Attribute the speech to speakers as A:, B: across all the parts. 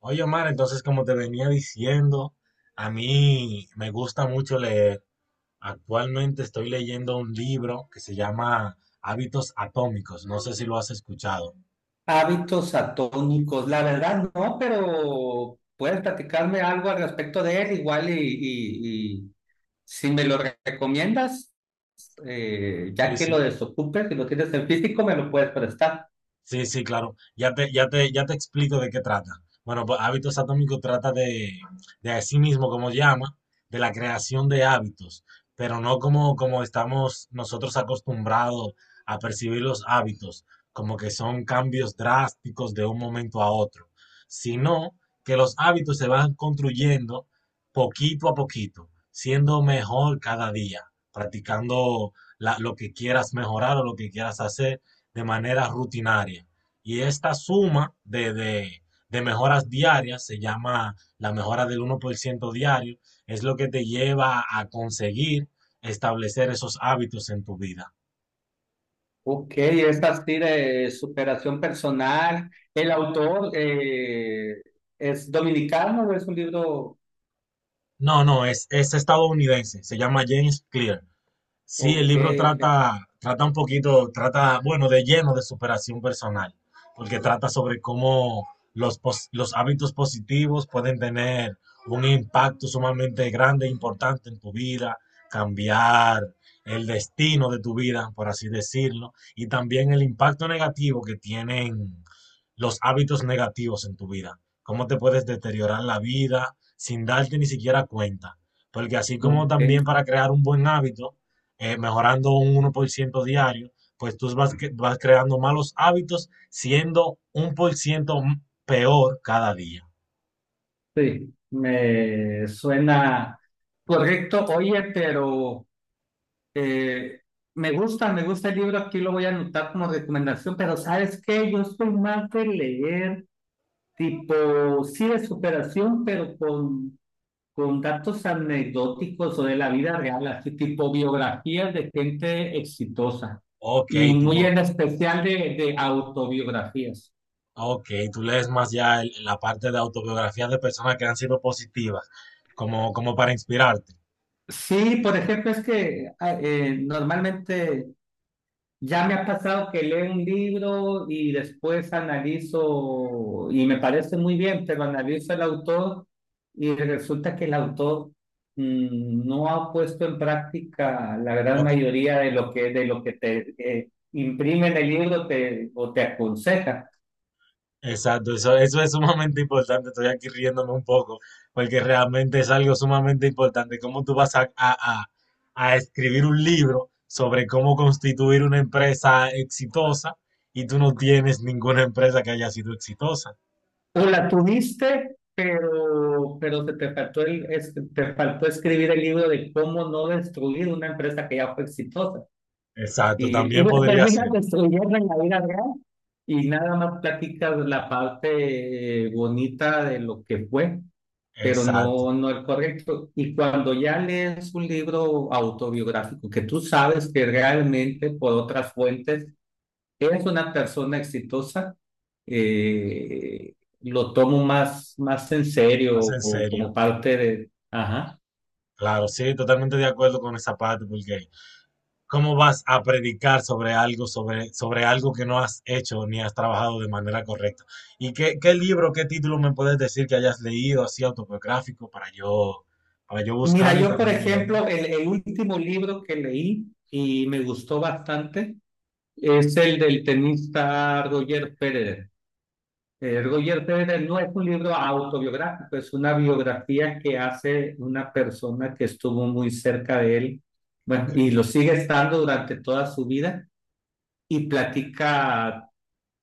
A: Oye, Omar, entonces como te venía diciendo, a mí me gusta mucho leer. Actualmente estoy leyendo un libro que se llama Hábitos Atómicos. No sé si lo has escuchado.
B: Hábitos atónicos, la verdad no, pero puedes platicarme algo al respecto de él, igual y si me lo recomiendas, ya
A: Sí,
B: que lo
A: sí.
B: desocupes, si lo tienes en físico, me lo puedes prestar.
A: Sí, sí, claro. Ya te explico de qué trata. Bueno, pues hábitos atómicos trata de así mismo, como llama, de la creación de hábitos, pero no como estamos nosotros acostumbrados a percibir los hábitos, como que son cambios drásticos de un momento a otro, sino que los hábitos se van construyendo poquito a poquito, siendo mejor cada día, practicando lo que quieras mejorar o lo que quieras hacer de manera rutinaria. Y esta suma de mejoras diarias se llama la mejora del 1% diario, es lo que te lleva a conseguir establecer esos hábitos en tu vida.
B: Ok, es así de superación personal. El autor es dominicano, ¿o es un libro?
A: No, es estadounidense, se llama James Clear. Sí, el
B: Ok,
A: libro
B: ok.
A: trata, bueno, de lleno de superación personal, porque trata sobre cómo los hábitos positivos pueden tener un impacto sumamente grande e importante en tu vida, cambiar el destino de tu vida, por así decirlo, y también el impacto negativo que tienen los hábitos negativos en tu vida, cómo te puedes deteriorar la vida sin darte ni siquiera cuenta, porque así como
B: Ok,
A: también para crear un buen hábito, mejorando un 1% diario, pues tú vas creando malos hábitos siendo un % peor cada día.
B: sí, me suena correcto. Oye, pero. Eh, me gusta el libro, aquí lo voy a anotar como recomendación, pero ¿sabes qué? Yo soy más de leer tipo, sí, de superación, pero con datos anecdóticos o de la vida real, así tipo biografías de gente exitosa
A: Ok,
B: y muy
A: tipo,
B: en especial de autobiografías.
A: ok, tú lees más ya la parte de autobiografías de personas que han sido positivas, como para inspirarte.
B: Sí, por ejemplo, es que normalmente ya me ha pasado que leo un libro y después analizo, y me parece muy bien, pero analizo el autor y resulta que el autor no ha puesto en práctica la gran
A: Lo que,
B: mayoría de lo que te imprime en el libro te, o te aconseja.
A: Exacto, eso es sumamente importante. Estoy aquí riéndome un poco, porque realmente es algo sumamente importante. ¿Cómo tú vas a escribir un libro sobre cómo constituir una empresa exitosa y tú no tienes ninguna empresa que haya sido exitosa?
B: O la tuviste, pero, te faltó te faltó escribir el libro de cómo no destruir una empresa que ya fue exitosa.
A: Exacto,
B: Y
A: también
B: la
A: podría
B: terminas
A: ser.
B: destruyendo en la vida real y nada más platicas la parte bonita de lo que fue, pero
A: Exacto,
B: no, no el correcto. Y cuando ya lees un libro autobiográfico que tú sabes que realmente por otras fuentes es una persona exitosa, eh, lo tomo más, más en
A: más
B: serio
A: en
B: o como
A: serio.
B: parte de... Ajá.
A: Claro, sí, totalmente de acuerdo con esa parte, porque ¿cómo vas a predicar sobre algo, sobre algo que no has hecho ni has trabajado de manera correcta? ¿Y qué libro, qué título me puedes decir que hayas leído así autobiográfico para yo
B: Mira,
A: buscarlo y
B: yo por
A: también leer?
B: ejemplo, el último libro que leí y me gustó bastante es el del tenista Roger Federer. Roger Federer no es un libro autobiográfico, es una biografía que hace una persona que estuvo muy cerca de él, bueno,
A: Ok,
B: y lo sigue estando durante toda su vida y platica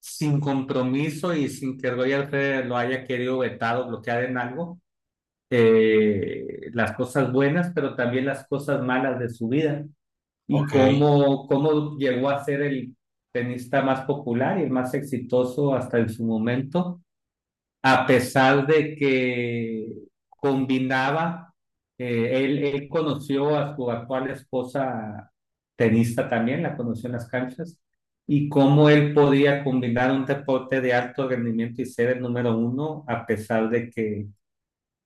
B: sin compromiso y sin que Roger Federer lo haya querido vetar o bloquear en algo, las cosas buenas, pero también las cosas malas de su vida y
A: ok,
B: cómo, cómo llegó a ser el tenista más popular y el más exitoso hasta en su momento, a pesar de que combinaba, él conoció a su actual esposa, tenista también, la conoció en las canchas, y cómo él podía combinar un deporte de alto rendimiento y ser el número uno, a pesar de que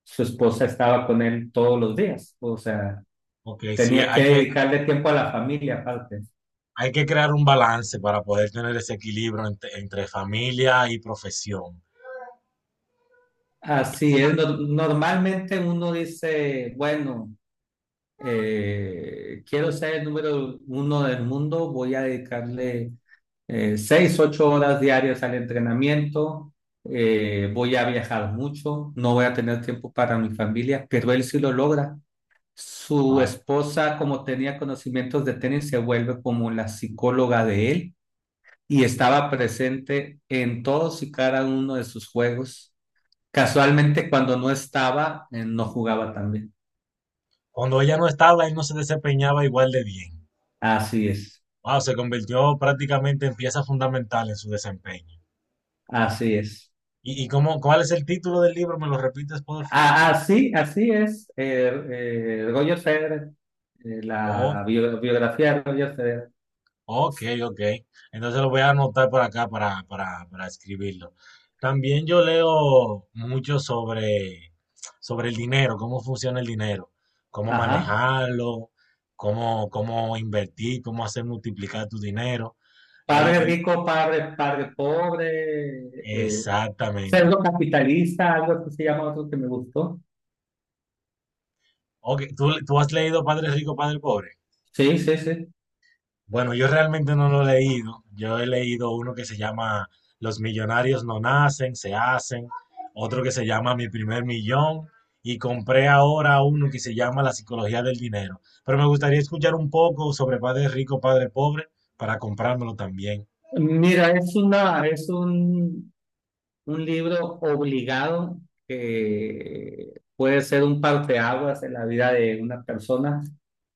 B: su esposa estaba con él todos los días. O sea,
A: ok, sí,
B: tenía que dedicarle tiempo a la familia aparte.
A: hay que crear un balance para poder tener ese equilibrio entre familia y profesión.
B: Así es, normalmente uno dice, bueno, quiero ser el número uno del mundo, voy a dedicarle seis, ocho horas diarias al entrenamiento, voy a viajar mucho, no voy a tener tiempo para mi familia, pero él sí lo logra. Su
A: Ah,
B: esposa, como tenía conocimientos de tenis, se vuelve como la psicóloga de él y estaba presente en todos y cada uno de sus juegos. Casualmente cuando no estaba, no jugaba también.
A: cuando ella no estaba, él no se desempeñaba igual de bien.
B: Así es,
A: Wow, se convirtió prácticamente en pieza fundamental en su desempeño.
B: así es.
A: Y cómo, cuál es el título del libro? ¿Me lo repites, por favor?
B: Ah, así, así es. Roger Federer,
A: Oh,
B: biografía de Roger Federer.
A: ok, ok. Entonces lo voy a anotar por acá para escribirlo. También yo leo mucho sobre el dinero, cómo funciona el dinero, cómo
B: Ajá.
A: manejarlo, cómo invertir, cómo hacer multiplicar tu dinero. El,
B: Padre
A: el-
B: rico, padre pobre,
A: exactamente.
B: pseudo capitalista, algo que se llama otro que me gustó.
A: Ok, tú has leído Padre Rico, Padre Pobre?
B: Sí, sí, sí.
A: Bueno, yo realmente no lo he leído. Yo he leído uno que se llama Los millonarios no nacen, se hacen. Otro que se llama Mi primer millón. Y compré ahora uno que se llama La psicología del dinero. Pero me gustaría escuchar un poco sobre Padre Rico, Padre Pobre para comprármelo también.
B: Mira, es una, es un libro obligado que puede ser un parteaguas en la vida de una persona.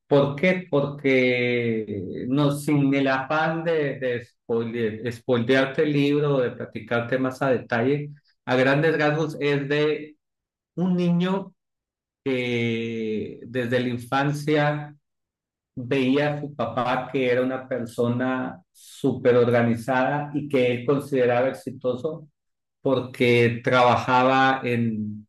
B: ¿Por qué? Porque no, sin el afán de spoilearte el libro o de platicarte más a detalle, a grandes rasgos es de un niño que desde la infancia veía a su papá que era una persona súper organizada y que él consideraba exitoso porque trabajaba en,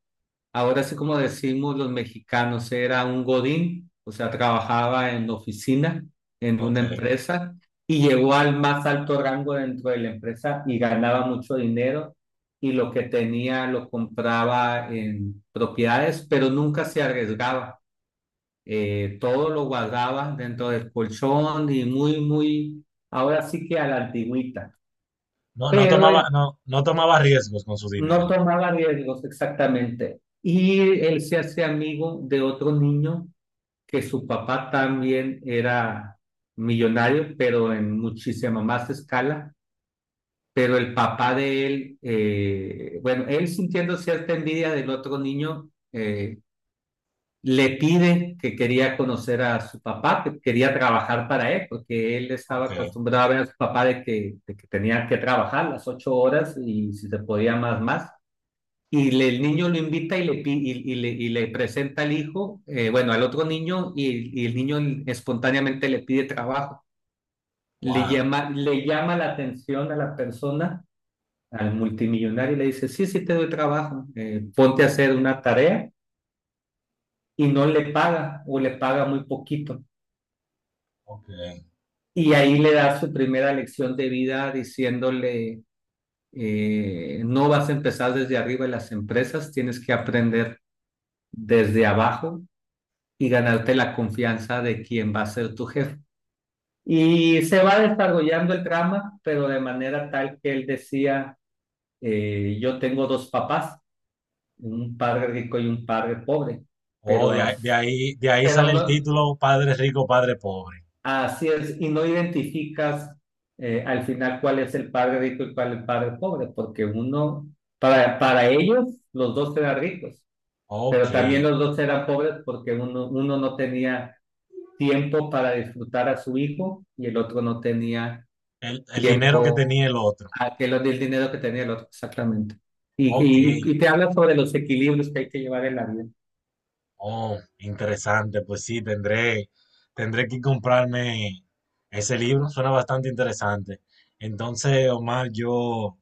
B: ahora sí como decimos los mexicanos, era un godín, o sea, trabajaba en oficina, en una
A: Ok.
B: empresa, y llegó al más alto rango dentro de la empresa y ganaba mucho dinero y lo que tenía lo compraba en propiedades, pero nunca se arriesgaba. Todo lo guardaba dentro del colchón y muy, muy, ahora sí que a la antigüita.
A: No, no
B: Pero
A: tomaba,
B: él
A: no, no tomaba riesgos con su
B: no
A: dinero.
B: tomaba riesgos exactamente. Y él se hace amigo de otro niño que su papá también era millonario, pero en muchísima más escala. Pero el papá de él, bueno, él sintiendo cierta envidia del otro niño, le pide que quería conocer a su papá, que quería trabajar para él, porque él estaba
A: Ok.
B: acostumbrado a ver a su papá de que tenía que trabajar las ocho horas y si se podía más, más. El niño lo invita y le, pi- y le presenta al hijo, bueno, al otro niño, y el niño espontáneamente le pide trabajo.
A: Wow.
B: Le llama la atención a la persona, al multimillonario, y le dice, sí, sí te doy trabajo, ponte a hacer una tarea, y no le paga o le paga muy poquito.
A: Ok.
B: Y ahí le da su primera lección de vida diciéndole, no vas a empezar desde arriba en las empresas, tienes que aprender desde abajo y ganarte la confianza de quien va a ser tu jefe. Y se va desarrollando el drama, pero de manera tal que él decía, yo tengo dos papás, un padre rico y un padre pobre,
A: Oh, de,
B: pero,
A: ahí, de ahí de ahí sale
B: pero
A: el
B: no,
A: título Padre Rico, Padre Pobre.
B: así es, y no identificas al final cuál es el padre rico y cuál es el padre pobre, porque uno, para ellos, los dos eran ricos,
A: Ok.
B: pero también los dos eran pobres porque uno, uno no tenía tiempo para disfrutar a su hijo y el otro no tenía
A: El dinero que
B: tiempo,
A: tenía el otro.
B: aquel del dinero que tenía el otro, exactamente.
A: Ok,
B: Y te habla sobre los equilibrios que hay que llevar en la vida.
A: oh, interesante, pues sí, tendré que comprarme ese libro, suena bastante interesante. Entonces, Omar, yo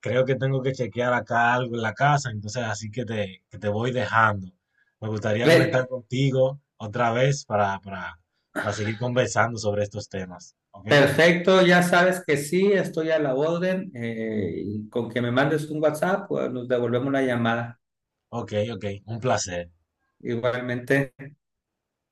A: creo que tengo que chequear acá algo en la casa, entonces así que te voy dejando. Me gustaría conectar
B: Re-
A: contigo otra vez para seguir conversando sobre estos temas, ¿ok?
B: perfecto, ya sabes que sí, estoy a la orden. Y con que me mandes un WhatsApp, pues, nos devolvemos la llamada.
A: Ok, ok, un placer.
B: Igualmente.